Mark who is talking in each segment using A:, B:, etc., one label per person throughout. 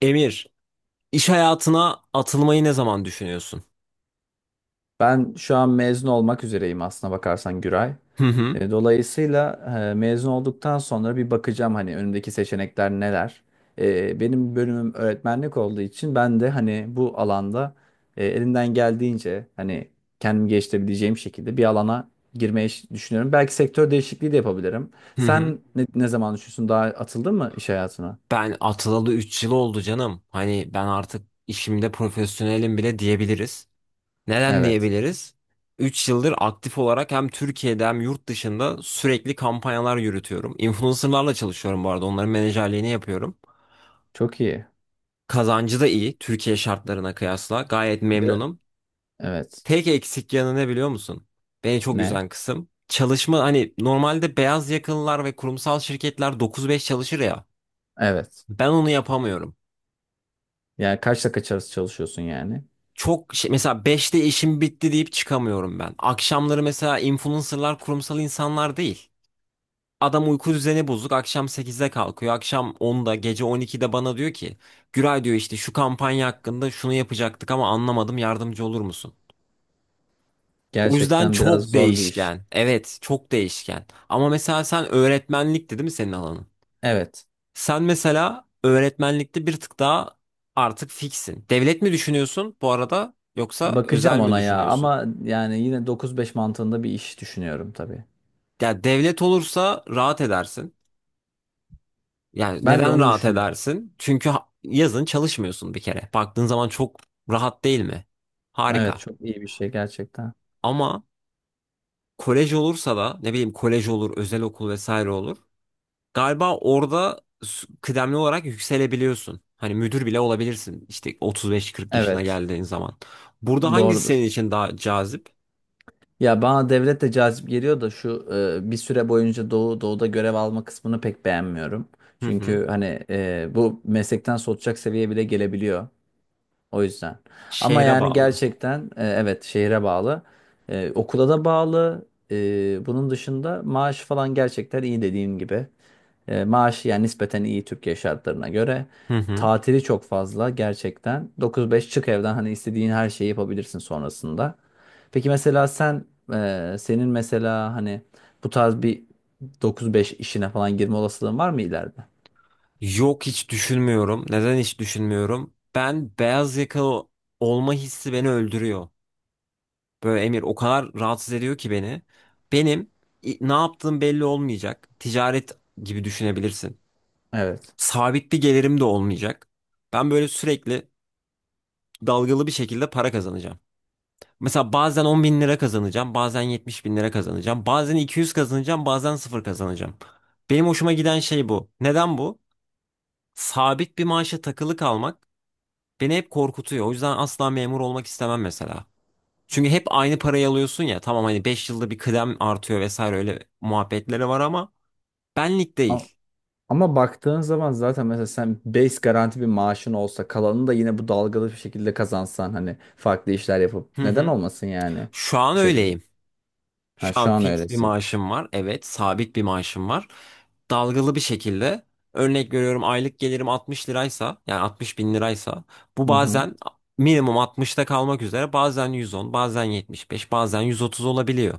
A: Emir, iş hayatına atılmayı ne zaman düşünüyorsun?
B: Ben şu an mezun olmak üzereyim aslına bakarsan Güray.
A: Hı hı,
B: Dolayısıyla mezun olduktan sonra bir bakacağım hani önümdeki seçenekler neler. Benim bölümüm öğretmenlik olduğu için ben de hani bu alanda elimden geldiğince hani kendimi geliştirebileceğim şekilde bir alana girmeyi düşünüyorum. Belki sektör değişikliği de yapabilirim.
A: hı hı.
B: Sen ne zaman düşünüyorsun? Daha atıldın mı iş hayatına?
A: Ben atılalı 3 yıl oldu canım. Hani ben artık işimde profesyonelim bile diyebiliriz. Neden
B: Evet.
A: diyebiliriz? 3 yıldır aktif olarak hem Türkiye'de hem yurt dışında sürekli kampanyalar yürütüyorum. Influencerlarla çalışıyorum bu arada. Onların menajerliğini yapıyorum.
B: Çok iyi.
A: Kazancı da iyi Türkiye şartlarına kıyasla. Gayet
B: Bir-
A: memnunum.
B: Evet.
A: Tek eksik yanı ne biliyor musun? Beni çok
B: Ne?
A: üzen kısım. Çalışma hani normalde beyaz yakalılar ve kurumsal şirketler 9-5 çalışır ya.
B: Evet.
A: Ben onu yapamıyorum.
B: Yani kaçla kaç arası çalışıyorsun yani?
A: Çok şey, mesela 5'te işim bitti deyip çıkamıyorum ben. Akşamları mesela influencerlar kurumsal insanlar değil. Adam uyku düzeni bozuk. Akşam 8'de kalkıyor. Akşam 10'da, gece 12'de bana diyor ki, Güray diyor işte şu kampanya hakkında şunu yapacaktık ama anlamadım yardımcı olur musun? O yüzden
B: Gerçekten biraz
A: çok
B: zor bir iş.
A: değişken. Evet, çok değişken. Ama mesela sen öğretmenlikti değil mi senin alanın?
B: Evet.
A: Sen mesela öğretmenlikte bir tık daha artık fiksin. Devlet mi düşünüyorsun bu arada yoksa özel
B: Bakacağım
A: mi
B: ona ya,
A: düşünüyorsun?
B: ama yani yine 9-5 mantığında bir iş düşünüyorum tabii.
A: Ya devlet olursa rahat edersin. Yani
B: Ben de
A: neden
B: onu
A: rahat
B: düşünüyorum.
A: edersin? Çünkü yazın çalışmıyorsun bir kere. Baktığın zaman çok rahat değil mi?
B: Evet,
A: Harika.
B: çok iyi bir şey gerçekten.
A: Ama kolej olursa da ne bileyim kolej olur, özel okul vesaire olur. Galiba orada kıdemli olarak yükselebiliyorsun. Hani müdür bile olabilirsin. İşte 35-40 yaşına
B: Evet,
A: geldiğin zaman. Burada hangisi
B: doğrudur.
A: senin için daha cazip?
B: Ya bana devlet de cazip geliyor da şu bir süre boyunca Doğu'da görev alma kısmını pek beğenmiyorum.
A: Hı hı.
B: Çünkü hani bu meslekten soğutacak seviyeye bile gelebiliyor. O yüzden. Ama
A: Şehre
B: yani
A: bağlı.
B: gerçekten evet, şehre bağlı. Okula da bağlı. Bunun dışında maaş falan gerçekten iyi, dediğim gibi. Maaş yani nispeten iyi, Türkiye şartlarına göre.
A: Hı hı.
B: Tatili çok fazla gerçekten. 9-5 çık evden, hani istediğin her şeyi yapabilirsin sonrasında. Peki mesela sen, senin mesela hani bu tarz bir 9-5 işine falan girme olasılığın var mı ileride?
A: Yok hiç düşünmüyorum. Neden hiç düşünmüyorum? Ben beyaz yakalı olma hissi beni öldürüyor. Böyle Emir o kadar rahatsız ediyor ki beni. Benim ne yaptığım belli olmayacak. Ticaret gibi düşünebilirsin.
B: Evet.
A: Sabit bir gelirim de olmayacak. Ben böyle sürekli dalgalı bir şekilde para kazanacağım. Mesela bazen 10 bin lira kazanacağım, bazen 70 bin lira kazanacağım, bazen 200 kazanacağım, bazen sıfır kazanacağım. Benim hoşuma giden şey bu. Neden bu? Sabit bir maaşa takılı kalmak beni hep korkutuyor. O yüzden asla memur olmak istemem mesela. Çünkü hep aynı parayı alıyorsun ya. Tamam hani 5 yılda bir kıdem artıyor vesaire öyle muhabbetleri var ama benlik değil.
B: Ama baktığın zaman zaten mesela sen base garanti bir maaşın olsa, kalanını da yine bu dalgalı bir şekilde kazansan, hani farklı işler yapıp
A: Hı
B: neden
A: hı.
B: olmasın yani
A: Şu an
B: bu şekilde.
A: öyleyim. Şu
B: Ha, şu
A: an
B: an
A: fix bir
B: öylesin.
A: maaşım var. Evet, sabit bir maaşım var. Dalgalı bir şekilde örnek veriyorum, aylık gelirim 60 liraysa yani 60 bin liraysa bu
B: Hı hı.
A: bazen minimum 60'ta kalmak üzere bazen 110 bazen 75 bazen 130 olabiliyor.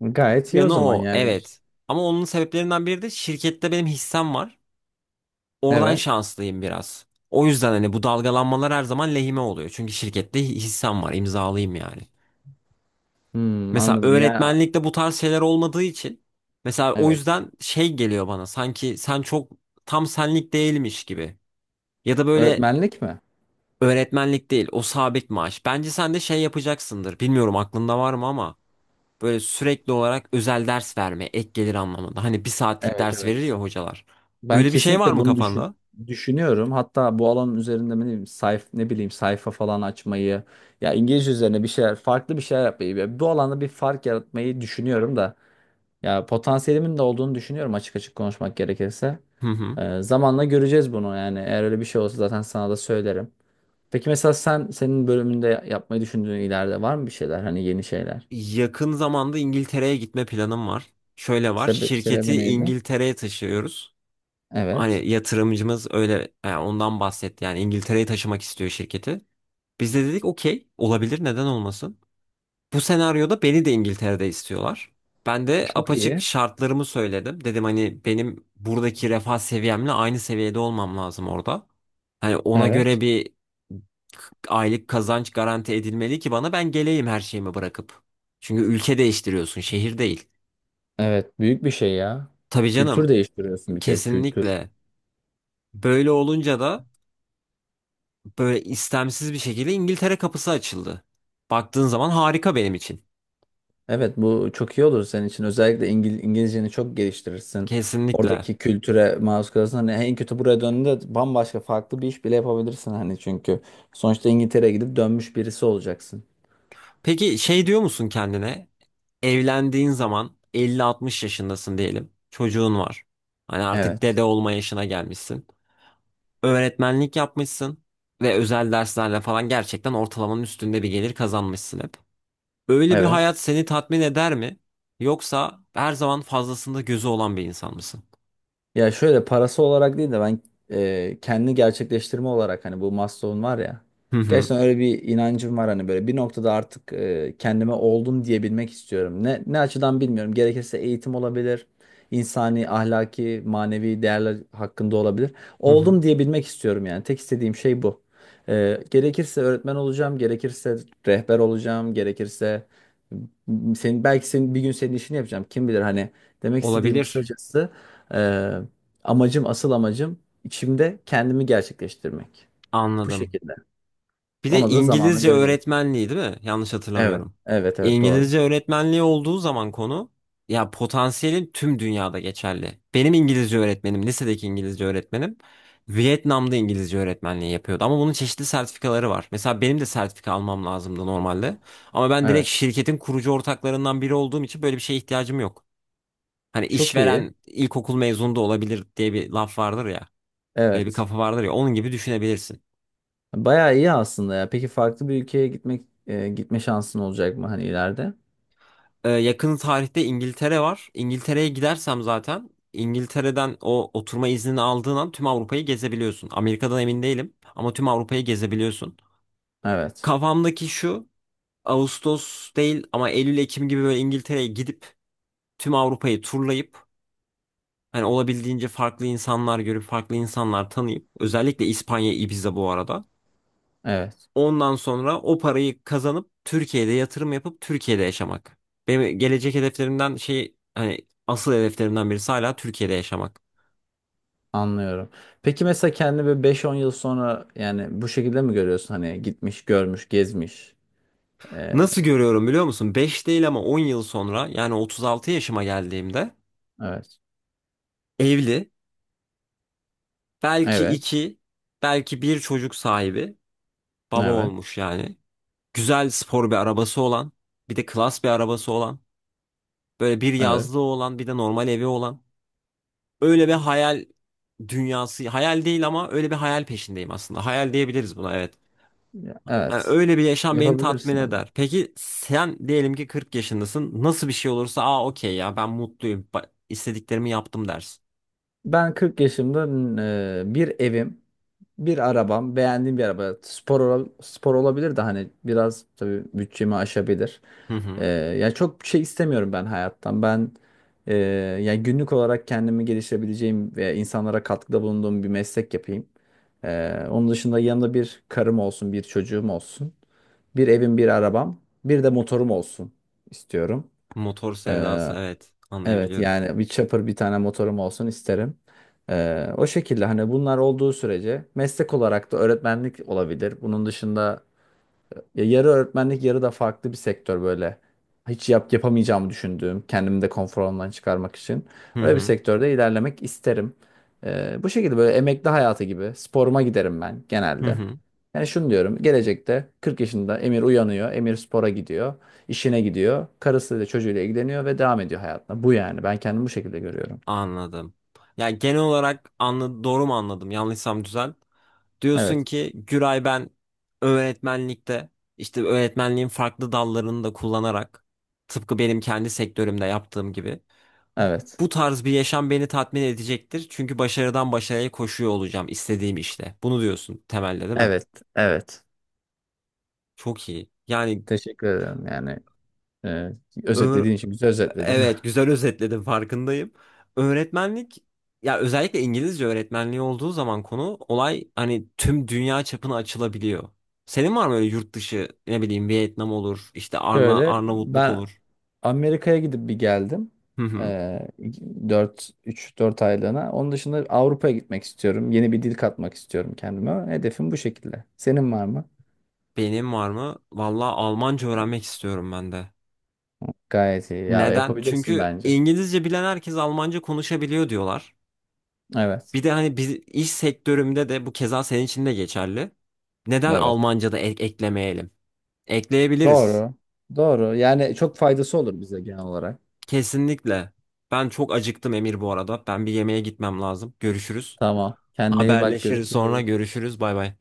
B: Gayet iyi o
A: Yanı
B: zaman
A: o
B: yani. Şey.
A: evet ama onun sebeplerinden biri de şirkette benim hissem var. Oradan
B: Evet.
A: şanslıyım biraz. O yüzden hani bu dalgalanmalar her zaman lehime oluyor. Çünkü şirkette hissem var imzalıyım yani.
B: Hmm,
A: Mesela
B: anladım. Ya,
A: öğretmenlikte bu tarz şeyler olmadığı için mesela o
B: evet.
A: yüzden şey geliyor bana sanki sen çok tam senlik değilmiş gibi. Ya da böyle
B: Öğretmenlik mi?
A: öğretmenlik değil o sabit maaş. Bence sen de şey yapacaksındır. Bilmiyorum aklında var mı ama böyle sürekli olarak özel ders verme ek gelir anlamında. Hani bir saatlik
B: Evet,
A: ders verir
B: evet.
A: ya hocalar.
B: Ben
A: Öyle bir şey var
B: kesinlikle
A: mı
B: bunu düşün
A: kafanda?
B: düşünüyorum. Hatta bu alanın üzerinde, ne bileyim, ne bileyim sayfa falan açmayı, ya İngilizce üzerine bir şeyler, farklı bir şeyler yapmayı, ya bu alanda bir fark yaratmayı düşünüyorum da. Ya, potansiyelimin de olduğunu düşünüyorum, açık açık konuşmak gerekirse.
A: Hı hı.
B: Zamanla göreceğiz bunu yani. Eğer öyle bir şey olsa zaten sana da söylerim. Peki mesela sen, senin bölümünde yapmayı düşündüğün, ileride var mı bir şeyler, hani yeni şeyler?
A: Yakın zamanda İngiltere'ye gitme planım var. Şöyle var.
B: Sebep, sebebi
A: Şirketi
B: neydi?
A: İngiltere'ye taşıyoruz.
B: Evet.
A: Hani yatırımcımız öyle yani ondan bahsetti. Yani İngiltere'ye taşımak istiyor şirketi. Biz de dedik okey olabilir neden olmasın. Bu senaryoda beni de İngiltere'de istiyorlar. Ben de
B: Çok
A: apaçık
B: iyi.
A: şartlarımı söyledim. Dedim hani benim buradaki refah seviyemle aynı seviyede olmam lazım orada. Hani ona
B: Evet.
A: göre bir aylık kazanç garanti edilmeli ki bana ben geleyim her şeyimi bırakıp. Çünkü ülke değiştiriyorsun, şehir değil.
B: Evet, büyük bir şey ya.
A: Tabii
B: Kültür
A: canım,
B: değiştiriyorsun bir kere, kültür.
A: kesinlikle. Böyle olunca da böyle istemsiz bir şekilde İngiltere kapısı açıldı. Baktığın zaman harika benim için.
B: Evet, bu çok iyi olur senin için. Özellikle İngilizceni çok geliştirirsin.
A: Kesinlikle.
B: Oradaki kültüre maruz kalırsın. Hani en kötü buraya döndüğünde bambaşka farklı bir iş bile yapabilirsin hani, çünkü sonuçta İngiltere'ye gidip dönmüş birisi olacaksın.
A: Peki şey diyor musun kendine? Evlendiğin zaman 50 60 yaşındasın diyelim. Çocuğun var. Hani artık
B: Evet.
A: dede olma yaşına gelmişsin. Öğretmenlik yapmışsın ve özel derslerle falan gerçekten ortalamanın üstünde bir gelir kazanmışsın hep. Öyle bir
B: Evet.
A: hayat seni tatmin eder mi? Yoksa her zaman fazlasında gözü olan bir insan mısın?
B: Ya şöyle, parası olarak değil de ben kendi gerçekleştirme olarak, hani bu Maslow'un var ya.
A: Hı hı.
B: Gerçekten öyle bir inancım var, hani böyle bir noktada artık kendime oldum diyebilmek istiyorum. Ne açıdan bilmiyorum. Gerekirse eğitim olabilir. İnsani, ahlaki, manevi değerler hakkında olabilir.
A: Hı hı.
B: Oldum diyebilmek istiyorum yani. Tek istediğim şey bu. Gerekirse öğretmen olacağım, gerekirse rehber olacağım, gerekirse senin, belki senin bir gün senin işini yapacağım. Kim bilir, hani demek istediğim
A: Olabilir.
B: kısacası, e, amacım, asıl amacım içimde kendimi gerçekleştirmek. Bu
A: Anladım.
B: şekilde.
A: Bir de
B: Onu da zamanla
A: İngilizce
B: göreceğiz.
A: öğretmenliği değil mi? Yanlış
B: Evet.
A: hatırlamıyorum.
B: Evet, evet, doğru.
A: İngilizce öğretmenliği olduğu zaman konu ya potansiyelin tüm dünyada geçerli. Benim İngilizce öğretmenim, lisedeki İngilizce öğretmenim Vietnam'da İngilizce öğretmenliği yapıyordu. Ama bunun çeşitli sertifikaları var. Mesela benim de sertifika almam lazımdı normalde. Ama ben direkt
B: Evet.
A: şirketin kurucu ortaklarından biri olduğum için böyle bir şeye ihtiyacım yok. Hani
B: Çok iyi.
A: işveren ilkokul mezunu da olabilir diye bir laf vardır ya. Böyle bir
B: Evet.
A: kafa vardır ya. Onun gibi düşünebilirsin.
B: Bayağı iyi aslında ya. Peki, farklı bir ülkeye gitme şansın olacak mı hani ileride?
A: Yakın tarihte İngiltere var. İngiltere'ye gidersem zaten İngiltere'den o oturma iznini aldığın an tüm Avrupa'yı gezebiliyorsun. Amerika'dan emin değilim ama tüm Avrupa'yı gezebiliyorsun.
B: Evet.
A: Kafamdaki şu Ağustos değil ama Eylül-Ekim gibi böyle İngiltere'ye gidip tüm Avrupa'yı turlayıp hani olabildiğince farklı insanlar görüp farklı insanlar tanıyıp özellikle İspanya, Ibiza bu arada.
B: Evet.
A: Ondan sonra o parayı kazanıp Türkiye'de yatırım yapıp Türkiye'de yaşamak. Benim gelecek hedeflerimden şey hani asıl hedeflerimden birisi hala Türkiye'de yaşamak.
B: Anlıyorum. Peki mesela kendini böyle 5-10 yıl sonra yani bu şekilde mi görüyorsun, hani gitmiş, görmüş, gezmiş? E,
A: Nasıl görüyorum biliyor musun? 5 değil ama 10 yıl sonra yani 36 yaşıma geldiğimde
B: evet.
A: evli, belki
B: Evet.
A: 2 belki bir çocuk sahibi, baba
B: Evet.
A: olmuş yani. Güzel spor bir arabası olan, bir de klas bir arabası olan, böyle bir
B: Evet.
A: yazlığı olan, bir de normal evi olan. Öyle bir hayal dünyası, hayal değil ama öyle bir hayal peşindeyim aslında. Hayal diyebiliriz buna evet.
B: Ya,
A: Yani
B: evet.
A: öyle bir yaşam beni tatmin
B: Yapabilirsin ama.
A: eder. Peki sen diyelim ki 40 yaşındasın. Nasıl bir şey olursa aa okey ya ben mutluyum. İstediklerimi yaptım dersin.
B: Ben 40 yaşımda bir evim, bir arabam, beğendiğim bir araba. Spor spor olabilir de, hani biraz tabii bütçemi aşabilir.
A: Hı
B: E,
A: hı.
B: yani çok bir şey istemiyorum ben hayattan. Ben e, yani günlük olarak kendimi geliştirebileceğim ve insanlara katkıda bulunduğum bir meslek yapayım. Onun dışında yanında bir karım olsun, bir çocuğum olsun, bir evim, bir arabam, bir de motorum olsun istiyorum.
A: Motor sevdası
B: E,
A: evet
B: Evet
A: anlayabiliyorum.
B: yani bir chopper, bir tane motorum olsun isterim. O şekilde hani bunlar olduğu sürece, meslek olarak da öğretmenlik olabilir. Bunun dışında ya yarı öğretmenlik yarı da farklı bir sektör, böyle hiç yapamayacağımı düşündüğüm, kendimi de konfor alanından çıkarmak için
A: Hı
B: öyle bir
A: hı.
B: sektörde ilerlemek isterim. Bu şekilde, böyle emekli hayatı gibi sporuma giderim ben
A: Hı
B: genelde.
A: hı.
B: Yani şunu diyorum, gelecekte 40 yaşında Emir uyanıyor, Emir spora gidiyor, işine gidiyor, karısıyla çocuğuyla ilgileniyor ve devam ediyor hayatına. Bu yani, ben kendimi bu şekilde görüyorum.
A: Anladım. Ya genel olarak anla doğru mu anladım? Yanlışsam düzelt. Diyorsun
B: Evet,
A: ki Güray ben öğretmenlikte işte öğretmenliğin farklı dallarını da kullanarak tıpkı benim kendi sektörümde yaptığım gibi
B: evet,
A: bu tarz bir yaşam beni tatmin edecektir. Çünkü başarıdan başarıya koşuyor olacağım istediğim işte. Bunu diyorsun temelde değil mi?
B: evet, evet.
A: Çok iyi. Yani
B: Teşekkür ederim yani. e,
A: ö.
B: Özetlediğin için güzel özetledin.
A: Evet, güzel özetledin farkındayım. Öğretmenlik ya özellikle İngilizce öğretmenliği olduğu zaman konu olay hani tüm dünya çapına açılabiliyor. Senin var mı öyle yurt dışı ne bileyim Vietnam olur, işte
B: Şöyle
A: Arnavutluk
B: ben
A: olur.
B: Amerika'ya gidip bir geldim.
A: Hı hı.
B: Ee, 4 3 4 aylığına. Onun dışında Avrupa'ya gitmek istiyorum. Yeni bir dil katmak istiyorum kendime. Hedefim bu şekilde. Senin var mı?
A: Benim var mı? Vallahi Almanca
B: Evet.
A: öğrenmek istiyorum ben de.
B: Gayet iyi. Ya,
A: Neden?
B: yapabilirsin
A: Çünkü
B: bence.
A: İngilizce bilen herkes Almanca konuşabiliyor diyorlar.
B: Evet.
A: Bir de hani biz iş sektörümde de bu keza senin için de geçerli. Neden
B: Evet.
A: Almanca da eklemeyelim? Ekleyebiliriz.
B: Doğru. Doğru. Yani çok faydası olur bize genel olarak.
A: Kesinlikle. Ben çok acıktım Emir bu arada. Ben bir yemeğe gitmem lazım. Görüşürüz.
B: Tamam. Kendine iyi bak.
A: Haberleşiriz sonra
B: Görüşürüz.
A: görüşürüz. Bay bay.